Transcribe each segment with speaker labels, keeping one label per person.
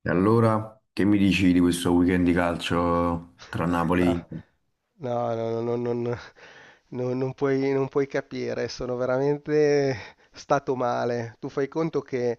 Speaker 1: E allora, che mi dici di questo weekend di calcio tra Napoli e
Speaker 2: No,
Speaker 1: Inter?
Speaker 2: no, no, no, no, non puoi capire, sono veramente stato male. Tu fai conto che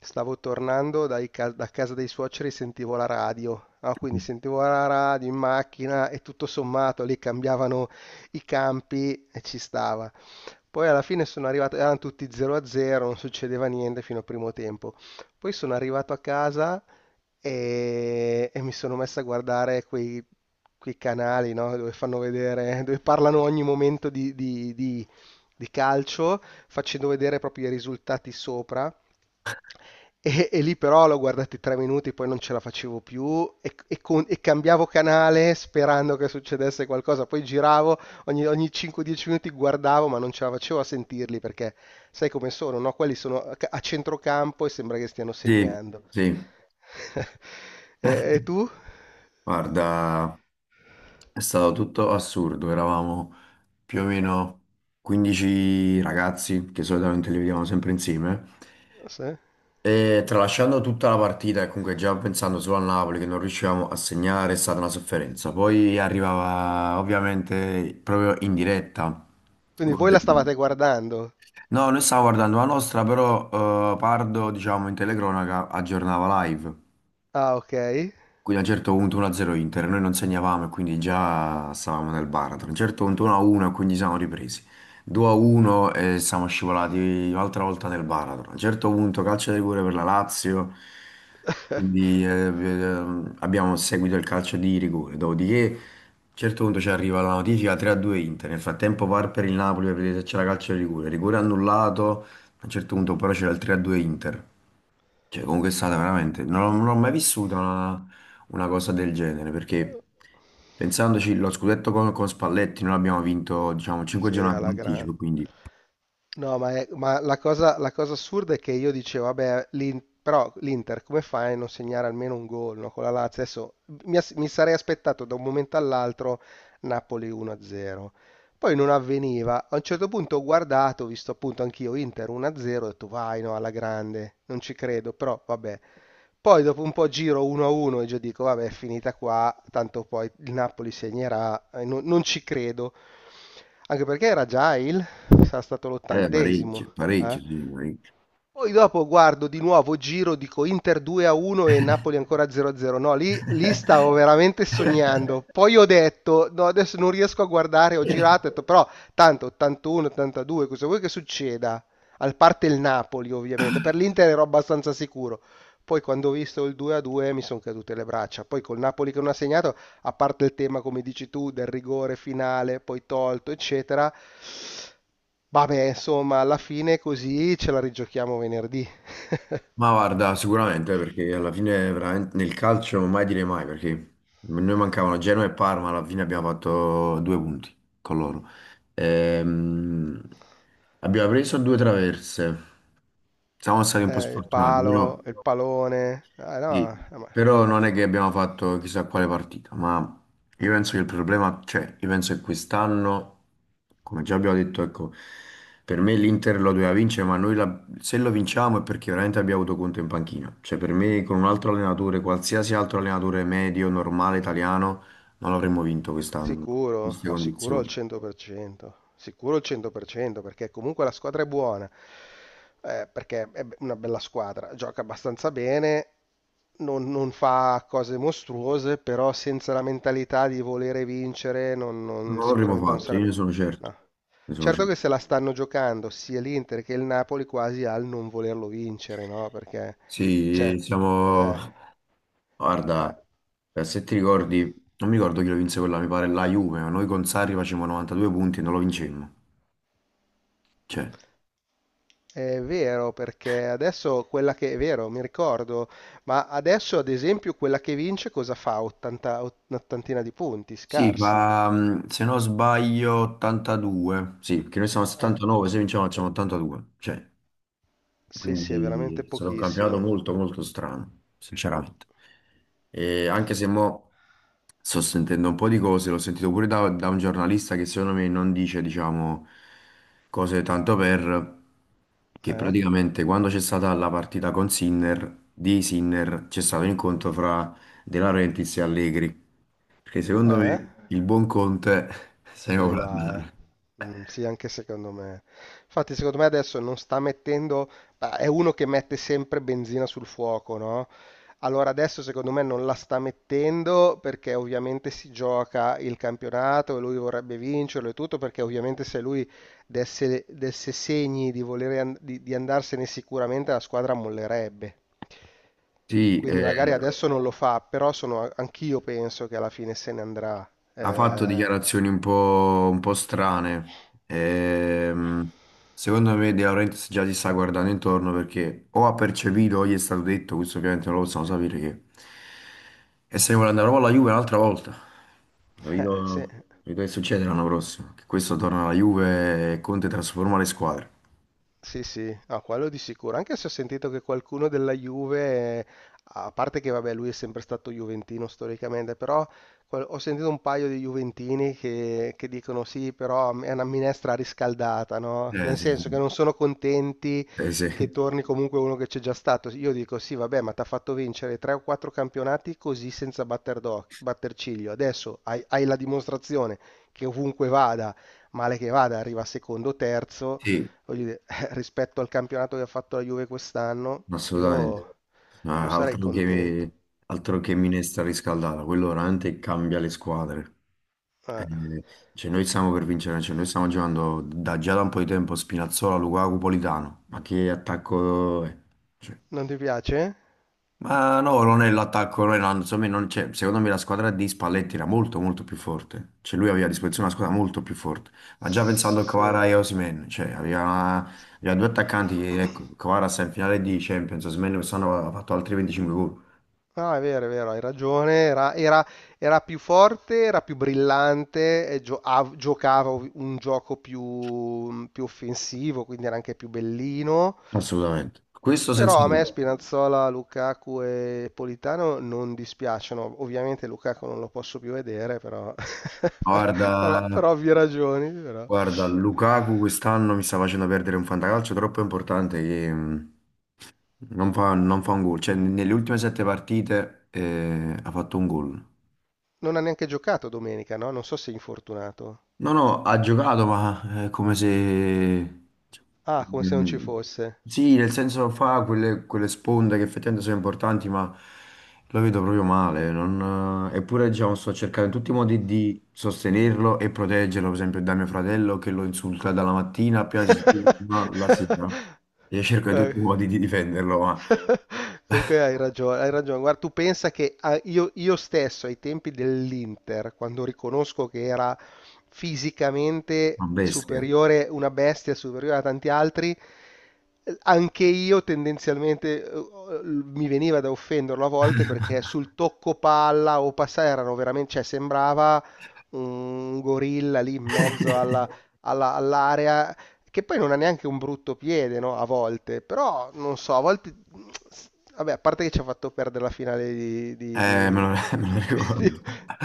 Speaker 2: stavo tornando da casa dei suoceri e sentivo la radio. Ah, quindi sentivo la radio in macchina e tutto sommato lì cambiavano i campi e ci stava. Poi alla fine sono arrivato, erano tutti 0-0, non succedeva niente fino al primo tempo. Poi sono arrivato a casa e mi sono messo a guardare quei canali, no, dove fanno vedere, dove parlano ogni momento di calcio, facendo vedere proprio i risultati sopra. E lì però l'ho guardati 3 minuti, poi non ce la facevo più e cambiavo canale sperando che succedesse qualcosa. Poi giravo, ogni 5-10 minuti guardavo, ma non ce la facevo a sentirli perché sai come sono, no? Quelli sono a centrocampo e sembra che stiano
Speaker 1: Sì,
Speaker 2: segnando.
Speaker 1: sì.
Speaker 2: E tu?
Speaker 1: Guarda, è stato tutto assurdo. Eravamo più o meno 15 ragazzi, che solitamente li vediamo sempre insieme.
Speaker 2: Sì.
Speaker 1: E tralasciando tutta la partita e comunque già pensando solo al Napoli che non riuscivamo a segnare, è stata una sofferenza. Poi arrivava ovviamente proprio in diretta.
Speaker 2: Quindi
Speaker 1: gol
Speaker 2: voi la
Speaker 1: del-
Speaker 2: stavate guardando?
Speaker 1: No, noi stavamo guardando la nostra, però Pardo, diciamo, in telecronaca aggiornava live.
Speaker 2: Ah, ok.
Speaker 1: Quindi a un certo punto 1-0 Inter, noi non segnavamo e quindi già stavamo nel baratro. A un certo punto 1-1 e quindi siamo ripresi. 2-1 e siamo scivolati un'altra volta nel baratro. A un certo punto calcio di rigore per la Lazio, quindi abbiamo seguito il calcio di rigore. Dopodiché a un certo punto ci arriva la notifica 3-2 Inter. Nel frattempo VAR per il Napoli per vedere se c'era calcio di rigore. Rigore annullato, a un certo punto però c'era il 3-2 Inter. Cioè, comunque è stata veramente. Non ho mai vissuto una cosa del genere perché pensandoci, lo scudetto con Spalletti noi l'abbiamo vinto, diciamo, 5
Speaker 2: Sì,
Speaker 1: giornate in
Speaker 2: alla
Speaker 1: anticipo,
Speaker 2: grande.
Speaker 1: quindi
Speaker 2: No, ma, ma la cosa assurda è che io dicevo, vabbè, però l'Inter come fai a non segnare almeno un gol, no, con la Lazio adesso mi sarei aspettato da un momento all'altro Napoli 1-0. Poi non avveniva. A un certo punto ho guardato, ho visto appunto anch'io Inter 1-0, ho detto vai, no, alla grande, non ci credo, però vabbè. Poi dopo un po' giro 1-1 e già dico, vabbè, è finita qua, tanto poi il Napoli segnerà, non ci credo. Anche perché era già sarà stato
Speaker 1: parecchio,
Speaker 2: l'80º,
Speaker 1: parecchio,
Speaker 2: eh?
Speaker 1: sì, parecchio.
Speaker 2: Poi dopo guardo di nuovo, giro, dico Inter 2-1 e Napoli ancora 0-0. No, lì stavo veramente sognando. Poi ho detto, no, adesso non riesco a guardare, ho girato, ho detto, però tanto 81, 82, cosa vuoi che succeda? Al parte il Napoli, ovviamente. Per l'Inter ero abbastanza sicuro. Poi quando ho visto il 2-2 mi sono cadute le braccia. Poi col Napoli che non ha segnato, a parte il tema, come dici tu, del rigore finale, poi tolto, eccetera. Vabbè, insomma, alla fine così ce la rigiochiamo venerdì.
Speaker 1: Ma guarda, sicuramente perché alla fine veramente nel calcio non mai dire mai perché noi mancavano Genoa e Parma, alla fine abbiamo fatto due punti con loro. Ehm, abbiamo preso due traverse. Siamo stati un po'
Speaker 2: Il
Speaker 1: sfortunati, però
Speaker 2: palo, il palone. Ah, no,
Speaker 1: sì,
Speaker 2: ma
Speaker 1: però non è che abbiamo fatto chissà quale partita, ma io penso che il problema, cioè, io penso che quest'anno, come già abbiamo detto, ecco, per me l'Inter lo doveva vincere, ma se lo vinciamo è perché veramente abbiamo avuto conto in panchina. Cioè, per me con un altro allenatore, qualsiasi altro allenatore medio, normale, italiano, non l'avremmo vinto quest'anno, in
Speaker 2: sicuro,
Speaker 1: queste
Speaker 2: ah, sicuro al
Speaker 1: condizioni.
Speaker 2: 100%, sicuro al 100% perché comunque la squadra è buona, perché è una bella squadra, gioca abbastanza bene, non fa cose mostruose, però senza la mentalità di volere vincere
Speaker 1: Non l'avremmo
Speaker 2: sicuramente non
Speaker 1: fatto, io ne
Speaker 2: sarebbe.
Speaker 1: sono certo.
Speaker 2: No.
Speaker 1: Ne sono
Speaker 2: Certo che
Speaker 1: certo.
Speaker 2: se la stanno giocando sia l'Inter che il Napoli quasi al non volerlo vincere, no? Perché,
Speaker 1: Sì,
Speaker 2: cioè, eh,
Speaker 1: siamo
Speaker 2: eh.
Speaker 1: guarda, se ti ricordi, non mi ricordo chi lo vinse quella, mi pare la Juve, ma noi con Sarri facevamo 92 punti e non lo vincemmo. Cioè,
Speaker 2: È vero, perché adesso quella che è vero, mi ricordo, ma adesso ad esempio quella che vince cosa fa? 80, un'ottantina di punti,
Speaker 1: sì,
Speaker 2: scarsi.
Speaker 1: fa, mm, se non sbaglio, 82. Sì, che noi siamo a
Speaker 2: Eh,
Speaker 1: 79, se vinciamo facciamo 82. Cioè,
Speaker 2: sì, sì, è veramente
Speaker 1: quindi è stato un campionato
Speaker 2: pochissimo.
Speaker 1: molto molto strano, sinceramente. E anche se mo sto sentendo un po' di cose, l'ho sentito pure da un giornalista che secondo me non dice, diciamo, cose tanto per, che
Speaker 2: Eh?
Speaker 1: praticamente quando c'è stata la partita con Sinner, di Sinner, c'è stato un incontro fra De Laurentiis e Allegri, perché secondo
Speaker 2: Eh?
Speaker 1: me il buon Conte se ne
Speaker 2: Se
Speaker 1: può
Speaker 2: ne va, eh.
Speaker 1: andare.
Speaker 2: Mm, sì, anche secondo me. Infatti, secondo me adesso non sta mettendo. Bah, è uno che mette sempre benzina sul fuoco, no? Allora adesso secondo me non la sta mettendo perché ovviamente si gioca il campionato e lui vorrebbe vincerlo e tutto perché ovviamente se lui desse segni di, volere an- di andarsene sicuramente la squadra mollerebbe.
Speaker 1: Sì,
Speaker 2: Quindi magari adesso non lo fa, però sono, anch'io penso che alla fine se ne andrà.
Speaker 1: ha fatto
Speaker 2: Eh,
Speaker 1: dichiarazioni un po' strane. Secondo me De Laurentiis già si sta guardando intorno perché o ha percepito o gli è stato detto, questo ovviamente non lo possiamo sapere, che e se ne vuole andare proprio alla Juve un'altra volta.
Speaker 2: se-
Speaker 1: Capito? Capito che succede l'anno prossimo? Che questo torna alla Juve e Conte trasforma le squadre.
Speaker 2: Sì, sì, no, quello di sicuro. Anche se ho sentito che qualcuno della Juve, a parte che vabbè, lui è sempre stato juventino storicamente, però ho sentito un paio di juventini che dicono sì, però è una minestra riscaldata, no?
Speaker 1: Eh
Speaker 2: Nel
Speaker 1: sì,
Speaker 2: senso che
Speaker 1: sì.
Speaker 2: non sono contenti
Speaker 1: Sì.
Speaker 2: che torni comunque uno che c'è già stato. Io dico sì, vabbè, ma ti ha fatto vincere tre o quattro campionati così senza batter ciglio. Adesso hai la dimostrazione che ovunque vada, male che vada, arriva secondo o terzo
Speaker 1: Sì.
Speaker 2: voglio dire, rispetto al campionato che ha fatto la Juve quest'anno,
Speaker 1: Assolutamente.
Speaker 2: io, io
Speaker 1: Ah,
Speaker 2: sarei
Speaker 1: altro
Speaker 2: contento.
Speaker 1: che, altro che minestra riscaldata, quello veramente cambia le squadre.
Speaker 2: Eh,
Speaker 1: Eh, cioè noi stiamo per vincere, cioè noi stiamo giocando da già da un po' di tempo Spinazzola, Lukaku, Politano, ma che attacco è? Cioè,
Speaker 2: non ti piace?
Speaker 1: ma no, non è l'attacco, non è la- insomma, non c'è- secondo me la squadra di Spalletti era molto molto più forte, cioè lui aveva a disposizione una squadra molto più forte, ma già pensando a
Speaker 2: Sì.
Speaker 1: Kvara e Osimhen, cioè aveva, aveva due attaccanti, che, ecco, Kvara sta in finale di Champions, Osimhen quest'anno ha fatto altri 25 gol,
Speaker 2: No, è vero, hai ragione. Era più forte, era più brillante, e giocava un gioco più offensivo, quindi era anche più bellino.
Speaker 1: assolutamente, questo
Speaker 2: Però
Speaker 1: senza
Speaker 2: a me
Speaker 1: dubbio,
Speaker 2: Spinazzola, Lukaku e Politano non dispiacciono. Ovviamente Lukaku non lo posso più vedere, però, però, però, per
Speaker 1: guarda,
Speaker 2: ovvie ragioni. Però.
Speaker 1: guarda, Lukaku quest'anno mi sta facendo perdere un fantacalcio troppo importante che non fa un gol, cioè nelle ultime sette partite ha fatto un gol.
Speaker 2: Non ha neanche giocato domenica, no? Non so se è infortunato.
Speaker 1: No, no, ha giocato, ma è come se...
Speaker 2: Ah, come se non ci
Speaker 1: Mm,
Speaker 2: fosse.
Speaker 1: sì, nel senso fa quelle, quelle sponde che effettivamente sono importanti, ma lo vedo proprio male. Eppure, diciamo, sto cercando in tutti i modi di sostenerlo e proteggerlo, per esempio, da mio fratello che lo insulta dalla mattina appena si sveglia fino alla sera. Io cerco in tutti
Speaker 2: Eh,
Speaker 1: i modi di difenderlo, ma
Speaker 2: comunque hai ragione, hai ragione. Guarda, tu pensa che io stesso ai tempi dell'Inter, quando riconosco che era fisicamente
Speaker 1: ma bestia.
Speaker 2: superiore, una bestia superiore a tanti altri, anche io tendenzialmente mi veniva da offenderlo a volte perché sul tocco palla o passare erano veramente, cioè sembrava un gorilla lì in mezzo all'area che poi non ha neanche un brutto piede, no? A volte, però non so, a volte, vabbè, a parte che ci ha fatto perdere la finale
Speaker 1: Me lo, me lo ricordo.
Speaker 2: di-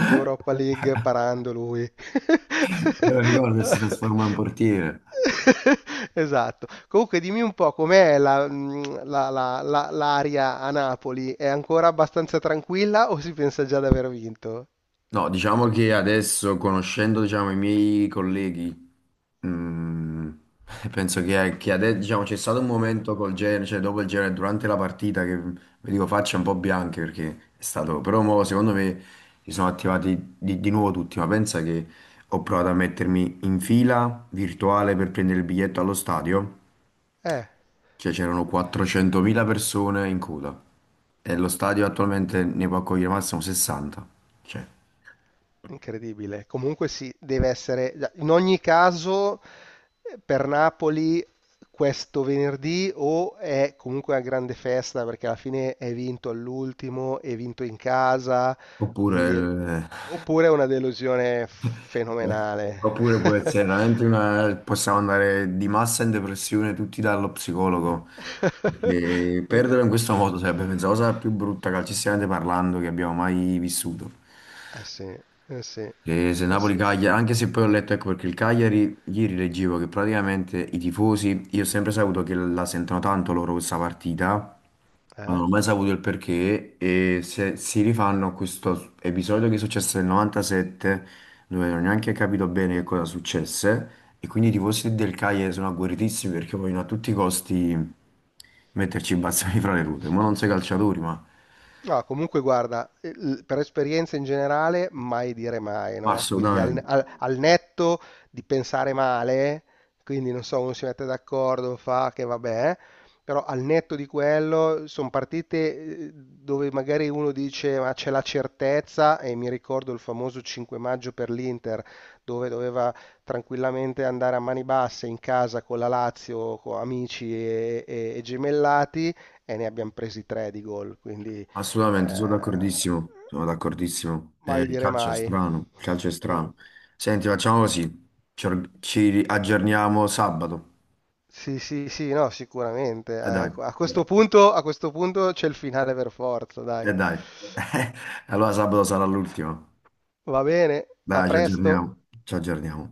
Speaker 2: di Europa League parando lui.
Speaker 1: Me lo ricordo e si trasforma in portiere.
Speaker 2: Esatto. Comunque, dimmi un po' com'è l'aria a Napoli? È ancora abbastanza tranquilla o si pensa già di aver vinto?
Speaker 1: No, diciamo che adesso, conoscendo, diciamo, i miei colleghi, mm, penso che adesso, diciamo, c'è stato un momento col Genoa, cioè dopo il Genoa, e durante la partita, che vi dico facce un po' bianche perché è stato... Però mo, secondo me si sono attivati di nuovo tutti, ma pensa che ho provato a mettermi in fila virtuale per prendere il biglietto allo stadio,
Speaker 2: Eh.
Speaker 1: cioè c'erano 400.000 persone in coda. E lo stadio attualmente ne può accogliere massimo 60. Cioè,
Speaker 2: Incredibile. Comunque sì, deve essere. In ogni caso, per Napoli questo venerdì o è comunque una grande festa perché alla fine è vinto all'ultimo, è vinto in casa,
Speaker 1: oppure
Speaker 2: quindi.
Speaker 1: il-
Speaker 2: Oppure è una delusione
Speaker 1: beh,
Speaker 2: fenomenale.
Speaker 1: oppure può essere veramente una... possiamo andare di massa in depressione tutti dallo psicologo. Perché perderlo in questo modo sarebbe penso, la cosa più brutta calcisticamente parlando che abbiamo mai vissuto.
Speaker 2: Eh sì, eh sì, eh
Speaker 1: E se
Speaker 2: sì.
Speaker 1: Napoli-Cagliari, anche se poi ho letto, ecco perché il Cagliari, ieri leggevo che praticamente i tifosi, io ho sempre saputo che la sentono tanto loro questa partita, ma
Speaker 2: Eh?
Speaker 1: non ho mai saputo il perché e se si rifanno a questo episodio che è successo nel 97 dove non ho neanche capito bene che cosa successe e quindi i tifosi del Cagliari sono agguerritissimi perché vogliono a tutti i costi metterci i bazzoni fra le ruote, ma non sei calciatori,
Speaker 2: No, comunque guarda, per esperienza in generale, mai dire mai,
Speaker 1: ma
Speaker 2: no? Quindi al,
Speaker 1: assolutamente,
Speaker 2: al- al netto di pensare male, quindi non so, uno si mette d'accordo, fa che vabbè, però al netto di quello sono partite, dove magari uno dice ma c'è la certezza e mi ricordo il famoso 5 maggio per l'Inter dove doveva tranquillamente andare a mani basse in casa con la Lazio, con amici e gemellati e ne abbiamo presi tre di gol, quindi.
Speaker 1: assolutamente,
Speaker 2: Eh,
Speaker 1: sono d'accordissimo, eh,
Speaker 2: mai
Speaker 1: il
Speaker 2: dire
Speaker 1: calcio è
Speaker 2: mai.
Speaker 1: strano, il calcio è
Speaker 2: Mm.
Speaker 1: strano. Senti, facciamo così, ci aggiorniamo sabato,
Speaker 2: Sì, sì, sì, no, sicuramente.
Speaker 1: e dai.
Speaker 2: A questo punto c'è il finale per forza, dai.
Speaker 1: E dai, allora sabato sarà l'ultimo.
Speaker 2: Va bene, a
Speaker 1: Dai, ci
Speaker 2: presto.
Speaker 1: aggiorniamo. Ci aggiorniamo.